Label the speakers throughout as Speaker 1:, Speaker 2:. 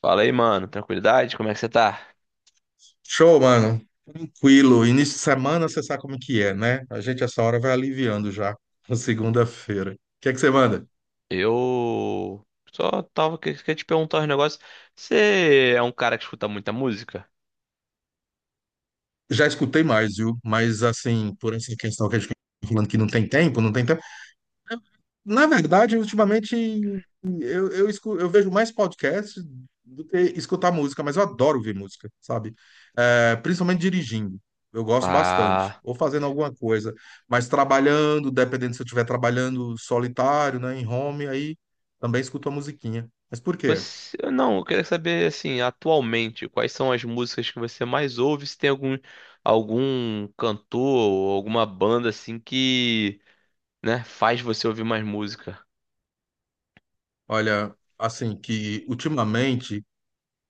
Speaker 1: Fala aí, mano. Tranquilidade? Como é que você tá?
Speaker 2: Show, mano. Tranquilo. Início de semana, você sabe como é que é, né? A gente essa hora vai aliviando já na segunda-feira. O que é que você manda?
Speaker 1: Eu só tava querendo te perguntar um negócio. Você é um cara que escuta muita música?
Speaker 2: Já escutei mais, viu? Mas assim, por essa questão que a gente fica falando que não tem tempo, não tem tempo. Na verdade, ultimamente eu vejo mais podcast do que escutar música, mas eu adoro ouvir música, sabe? É, principalmente dirigindo. Eu gosto bastante.
Speaker 1: Ah.
Speaker 2: Ou fazendo alguma coisa. Mas trabalhando, dependendo se eu estiver trabalhando solitário, né, em home, aí também escuto a musiquinha. Mas por quê?
Speaker 1: Não, eu queria saber, assim, atualmente, quais são as músicas que você mais ouve? Se tem algum cantor ou alguma banda, assim, que, né, faz você ouvir mais música?
Speaker 2: Olha, assim, que ultimamente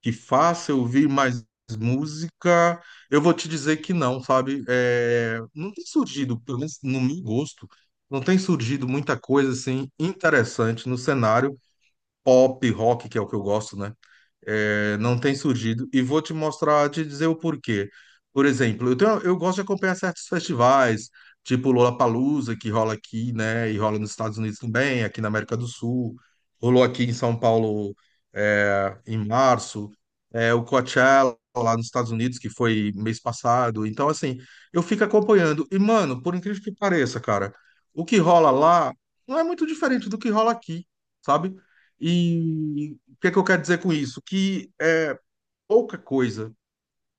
Speaker 2: que faça eu ouvir mais música, eu vou te dizer que não, sabe? É, não tem surgido, pelo menos no meu gosto, não tem surgido muita coisa assim interessante no cenário pop, rock, que é o que eu gosto, né? É, não tem surgido. E vou te mostrar, te dizer o porquê. Por exemplo, eu gosto de acompanhar certos festivais, tipo Lollapalooza, que rola aqui, né? E rola nos Estados Unidos também, aqui na América do Sul. Rolou aqui em São Paulo, é, em março. É, o Coachella lá nos Estados Unidos, que foi mês passado. Então, assim, eu fico acompanhando. E, mano, por incrível que pareça, cara, o que rola lá não é muito diferente do que rola aqui, sabe? E o que é que eu quero dizer com isso? Que é pouca coisa,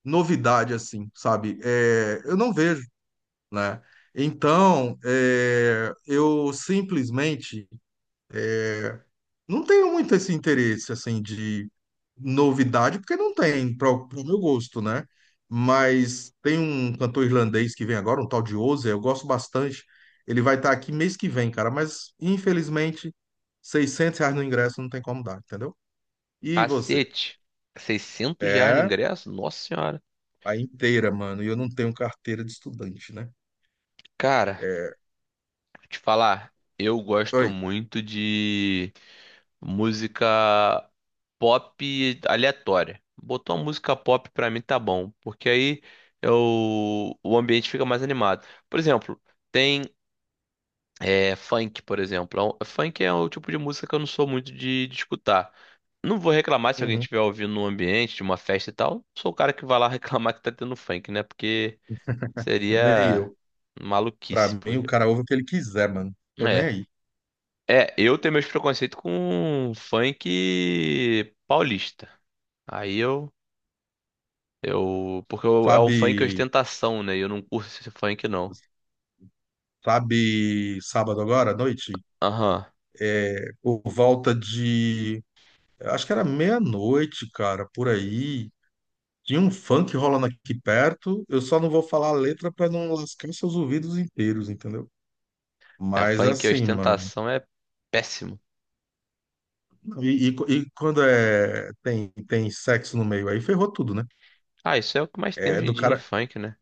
Speaker 2: novidade assim, sabe? É, eu não vejo, né? Então, é, eu simplesmente não tenho muito esse interesse assim de novidade, porque não tem, para o meu gosto, né? Mas tem um cantor irlandês que vem agora, um tal de Ozzy, eu gosto bastante. Ele vai estar aqui mês que vem, cara, mas infelizmente, R$ 600 no ingresso não tem como dar, entendeu? E você?
Speaker 1: Cacete! 600 reais no
Speaker 2: É,
Speaker 1: ingresso? Nossa senhora!
Speaker 2: a inteira, mano. E eu não tenho carteira de estudante, né?
Speaker 1: Cara, vou te falar, eu gosto
Speaker 2: Oi.
Speaker 1: muito de música pop aleatória. Botou uma música pop pra mim tá bom, porque aí o ambiente fica mais animado. Por exemplo, tem funk, por exemplo. Funk é o tipo de música que eu não sou muito de escutar. Não vou reclamar se alguém
Speaker 2: Uhum.
Speaker 1: estiver ouvindo no ambiente de uma festa e tal. Sou o cara que vai lá reclamar que tá tendo funk, né? Porque
Speaker 2: Nem
Speaker 1: seria
Speaker 2: eu. Pra
Speaker 1: maluquice, pô.
Speaker 2: mim, o cara ouve o que ele quiser, mano. Tô nem
Speaker 1: É.
Speaker 2: aí.
Speaker 1: É, eu tenho meus preconceitos com funk paulista. Aí é um funk
Speaker 2: Sabe,
Speaker 1: ostentação, né? E eu não curto esse funk, não.
Speaker 2: sabe, sábado agora, à noite?
Speaker 1: Aham.
Speaker 2: Por volta de. Acho que era meia-noite, cara, por aí. Tinha um funk rolando aqui perto. Eu só não vou falar a letra pra não lascar seus ouvidos inteiros, entendeu?
Speaker 1: É,
Speaker 2: Mas
Speaker 1: funk
Speaker 2: assim, mano.
Speaker 1: ostentação é péssimo.
Speaker 2: E, e- e quando é tem sexo no meio aí, ferrou tudo, né?
Speaker 1: Ah, isso é o que mais tem
Speaker 2: É
Speaker 1: hoje em
Speaker 2: do
Speaker 1: dia em
Speaker 2: cara,
Speaker 1: funk, né?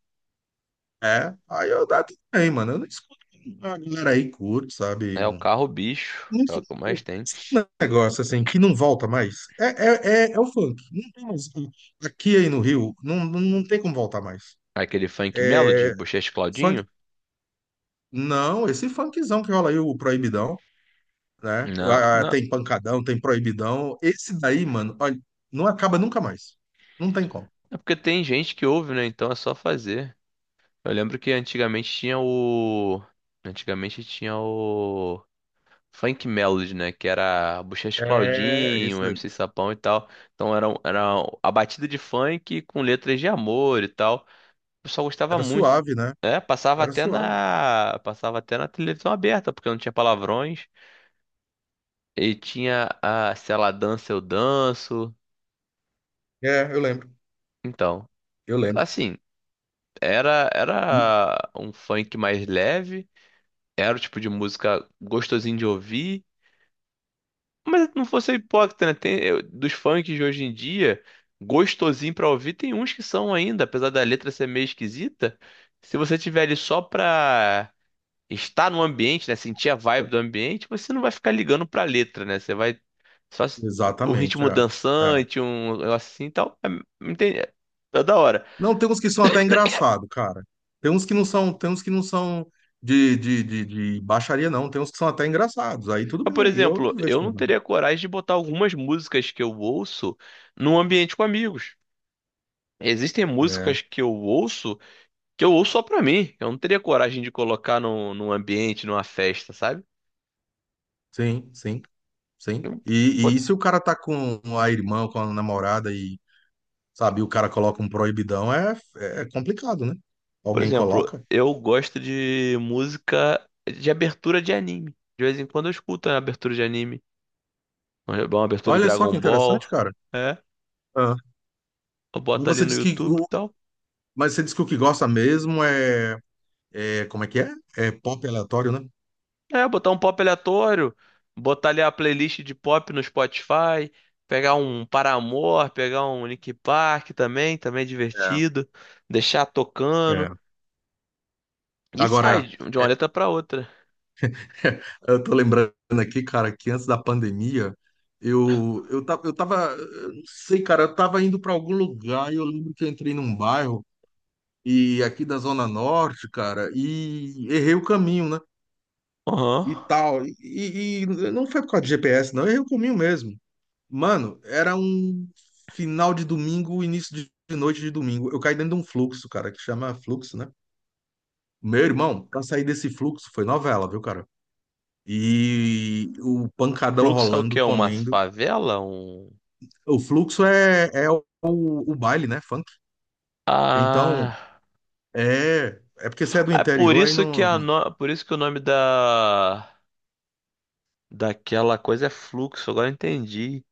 Speaker 2: é, aí eu dá tudo bem, mano. Eu não escuto a galera aí curto, sabe?
Speaker 1: É o carro bicho,
Speaker 2: Não
Speaker 1: é o
Speaker 2: sei,
Speaker 1: que mais tem.
Speaker 2: um negócio assim que não volta mais. É o funk. Não tem mais. Aqui aí no Rio, não tem como voltar mais.
Speaker 1: Aquele funk melody,
Speaker 2: É,
Speaker 1: Buchecha e
Speaker 2: funk.
Speaker 1: Claudinho?
Speaker 2: Não, esse funkzão que rola aí, o Proibidão, né?
Speaker 1: Não,
Speaker 2: Ah,
Speaker 1: não.
Speaker 2: tem pancadão, tem proibidão. Esse daí, mano, olha, não acaba nunca mais. Não tem como.
Speaker 1: É porque tem gente que ouve, né? Então é só fazer. Eu lembro que antigamente tinha o. Antigamente tinha o. funk melody, né? Que era Buchecha
Speaker 2: É, esse
Speaker 1: Claudinho,
Speaker 2: daí.
Speaker 1: MC Sapão e tal. Então era a batida de funk com letras de amor e tal. O pessoal gostava
Speaker 2: Era
Speaker 1: muito.
Speaker 2: suave, né?
Speaker 1: É, passava
Speaker 2: Era
Speaker 1: até
Speaker 2: suave.
Speaker 1: na, passava até na televisão aberta, porque não tinha palavrões. E tinha a Se Ela Dança, Eu Danço.
Speaker 2: É, eu lembro.
Speaker 1: Então,
Speaker 2: Eu lembro.
Speaker 1: assim, era um funk mais leve. Era o tipo de música gostosinho de ouvir. Mas não vou ser hipócrita, né? Dos funks de hoje em dia, gostosinho pra ouvir, tem uns que são ainda, apesar da letra ser meio esquisita. Se você tiver ali só pra estar no ambiente, né? Sentir a vibe do ambiente, você não vai ficar ligando pra letra, né? Você vai só s- um
Speaker 2: Exatamente,
Speaker 1: ritmo
Speaker 2: é. É.
Speaker 1: dançante, um negócio assim e tal. É, entende? É da hora.
Speaker 2: Não, tem uns que são até engraçado, cara. Tem uns que não são, tem uns que não são de baixaria, não. Tem uns que são até engraçados. Aí tudo
Speaker 1: Mas, por
Speaker 2: bem, aí eu
Speaker 1: exemplo,
Speaker 2: não vejo
Speaker 1: eu não
Speaker 2: problema.
Speaker 1: teria coragem de botar algumas músicas que eu ouço num ambiente com amigos. Existem
Speaker 2: É,
Speaker 1: músicas que eu ouço. Que eu ouço só pra mim. Eu não teria coragem de colocar num ambiente, numa festa, sabe?
Speaker 2: sim, sim, sim.
Speaker 1: Eu-
Speaker 2: E
Speaker 1: por,
Speaker 2: se o cara tá com a irmã, com a namorada e, sabe, o cara coloca um proibidão, é complicado, né?
Speaker 1: por
Speaker 2: Alguém
Speaker 1: exemplo,
Speaker 2: coloca.
Speaker 1: eu gosto de música de abertura de anime. De vez em quando eu escuto a abertura de anime. Uma abertura de
Speaker 2: Olha só que
Speaker 1: Dragon Ball.
Speaker 2: interessante, cara.
Speaker 1: É.
Speaker 2: Ah.
Speaker 1: Eu
Speaker 2: Mas
Speaker 1: boto ali
Speaker 2: você
Speaker 1: no
Speaker 2: diz que,
Speaker 1: YouTube e
Speaker 2: o-
Speaker 1: tal.
Speaker 2: mas você diz que o que gosta mesmo é, como é que é? É pop aleatório, né?
Speaker 1: É, botar um pop aleatório. Botar ali a playlist de pop no Spotify. Pegar um Paramore, pegar um Linkin Park também, também é divertido. Deixar tocando.
Speaker 2: É.
Speaker 1: E sai
Speaker 2: Agora,
Speaker 1: de uma
Speaker 2: é,
Speaker 1: letra pra outra.
Speaker 2: eu tô lembrando aqui, cara, que antes da pandemia, eu tava, eu tava, eu não sei, cara, eu tava indo para algum lugar e eu lembro que eu entrei num bairro e aqui da Zona Norte, cara, e errei o caminho, né?
Speaker 1: Aham.
Speaker 2: E tal. E não foi por causa de GPS, não, eu errei o caminho mesmo. Mano, era um final de domingo, início de noite de domingo. Eu caí dentro de um fluxo, cara, que chama fluxo, né? Meu irmão, pra sair desse fluxo foi novela, viu, cara? E o pancadão
Speaker 1: Fluxo é o
Speaker 2: rolando,
Speaker 1: quê? Uma
Speaker 2: comendo.
Speaker 1: favela? Um...
Speaker 2: O fluxo é o baile, né? Funk. Então,
Speaker 1: Ah,
Speaker 2: é porque você é do
Speaker 1: é por
Speaker 2: interior, aí
Speaker 1: isso que
Speaker 2: não. não-
Speaker 1: o nome da daquela coisa é fluxo, agora eu entendi.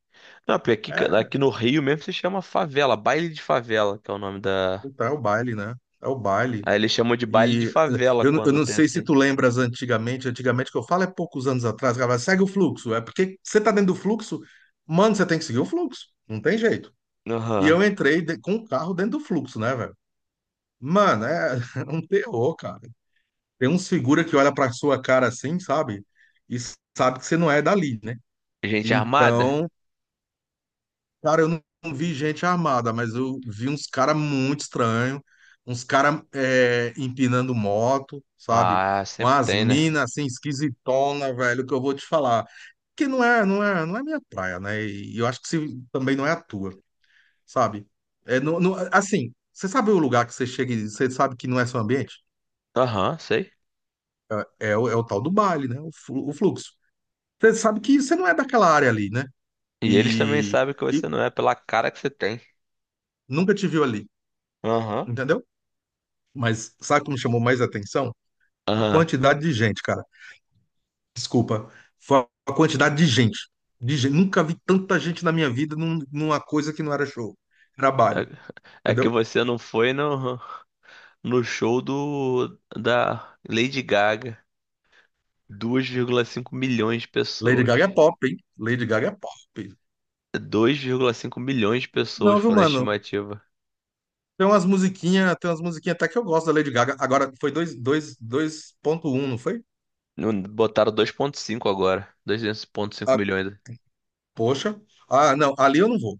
Speaker 1: Não, porque aqui, ca-
Speaker 2: É,
Speaker 1: aqui no Rio mesmo se chama favela, baile de favela, que é o nome da.
Speaker 2: puta, é o baile, né? É o baile.
Speaker 1: Aí eles chamam de baile de
Speaker 2: E
Speaker 1: favela
Speaker 2: eu
Speaker 1: quando
Speaker 2: não
Speaker 1: tem
Speaker 2: sei se
Speaker 1: assim.
Speaker 2: tu lembras antigamente, antigamente que eu falo é poucos anos atrás, cara, segue o fluxo. É porque você tá dentro do fluxo, mano, você tem que seguir o fluxo. Não tem jeito. E
Speaker 1: Aham.
Speaker 2: eu entrei com o carro dentro do fluxo, né, velho? Mano, é um terror, cara. Tem uns figura que olha pra sua cara assim, sabe? E sabe que você não é dali, né?
Speaker 1: Gente armada?
Speaker 2: Então, cara, eu não vi gente armada, mas eu vi uns cara muito estranho, uns cara empinando moto, sabe?
Speaker 1: Ah, sempre
Speaker 2: Umas
Speaker 1: tem, né?
Speaker 2: minas assim esquisitona, velho, que eu vou te falar. Que não é minha praia, né? E eu acho que também não é a tua, sabe? É, assim, você sabe o lugar que você chega e você sabe que não é seu ambiente?
Speaker 1: Aham, sei.
Speaker 2: É o tal do baile, né? O fluxo. Você sabe que você não é daquela área ali, né?
Speaker 1: E eles também
Speaker 2: E,
Speaker 1: sabem que
Speaker 2: e
Speaker 1: você não é pela cara que você tem.
Speaker 2: nunca te viu ali,
Speaker 1: Aham.
Speaker 2: entendeu? Mas sabe o que me chamou mais atenção? A
Speaker 1: Aham.
Speaker 2: quantidade de gente, cara. Desculpa. Foi a quantidade de gente. De gente. Nunca vi tanta gente na minha vida numa coisa que não era show. Era baile,
Speaker 1: É é que
Speaker 2: entendeu?
Speaker 1: você não foi, não. No show do da Lady Gaga. 2,5 milhões de
Speaker 2: Lady
Speaker 1: pessoas.
Speaker 2: Gaga é pop, hein? Lady Gaga é pop.
Speaker 1: 2,5 milhões de pessoas
Speaker 2: Não, viu,
Speaker 1: foram a
Speaker 2: mano?
Speaker 1: estimativa.
Speaker 2: Tem umas musiquinhas até que eu gosto da Lady Gaga. Agora, foi 2,1, não foi?
Speaker 1: Botaram 2,5 agora. dois vírgula cinco
Speaker 2: Ah,
Speaker 1: milhões.
Speaker 2: poxa. Ah, não, ali eu não vou.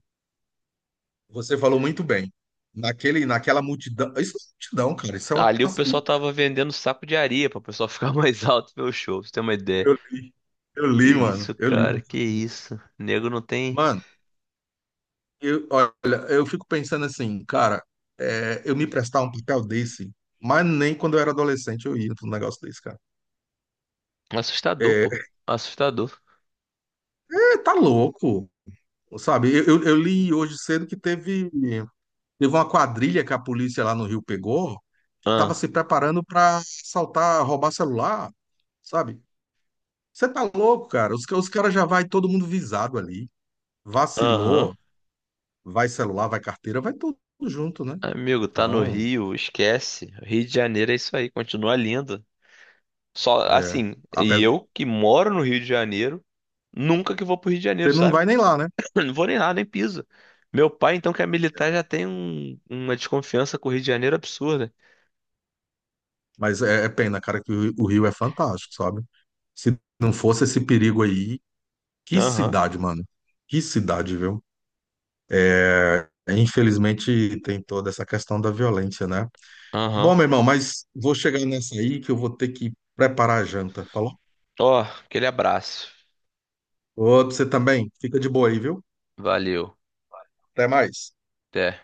Speaker 2: Você falou muito bem. Naquela multidão. Isso não é multidão, cara. Isso é uma.
Speaker 1: Ali o pessoal tava vendendo saco de areia pra o pessoal ficar mais alto e ver o show, pra você ter uma ideia.
Speaker 2: Eu li, eu
Speaker 1: Que
Speaker 2: li, mano.
Speaker 1: isso,
Speaker 2: Eu li.
Speaker 1: cara,
Speaker 2: mano.
Speaker 1: que isso. Nego não tem.
Speaker 2: Mano, eu, olha, eu fico pensando assim, cara, é, eu me prestar um papel desse, mas nem quando eu era adolescente eu ia pra um negócio desse, cara.
Speaker 1: Assustador, pô.
Speaker 2: É,
Speaker 1: Assustador.
Speaker 2: é, tá louco, sabe? Eu li hoje cedo que teve, uma quadrilha que a polícia lá no Rio pegou, que tava se
Speaker 1: Ah,
Speaker 2: preparando pra assaltar, roubar celular, sabe? Você tá louco, cara? Os caras já vai todo mundo visado ali.
Speaker 1: aham.
Speaker 2: Vacilou, vai celular, vai carteira, vai tudo junto, né?
Speaker 1: Amigo, tá no
Speaker 2: Então,
Speaker 1: Rio, esquece. Rio de Janeiro é isso aí, continua lindo. Só
Speaker 2: é,
Speaker 1: assim, e
Speaker 2: apesar,
Speaker 1: eu que moro no Rio de Janeiro, nunca que vou pro Rio de Janeiro,
Speaker 2: você não
Speaker 1: sabe?
Speaker 2: vai nem lá, né?
Speaker 1: Não vou nem lá, nem piso. Meu pai, então, que é militar, já tem uma desconfiança com o Rio de Janeiro absurda.
Speaker 2: Mas é pena, cara, que o Rio é fantástico, sabe? Se não fosse esse perigo aí, que
Speaker 1: Aham,
Speaker 2: cidade, mano. Que cidade, viu? É, infelizmente tem toda essa questão da violência, né?
Speaker 1: aham.
Speaker 2: Bom, meu irmão, mas vou chegar nessa aí que eu vou ter que preparar a janta, falou?
Speaker 1: Ó, aquele abraço.
Speaker 2: Outro, você também. Fica de boa aí, viu?
Speaker 1: Valeu.
Speaker 2: Até mais.
Speaker 1: Até.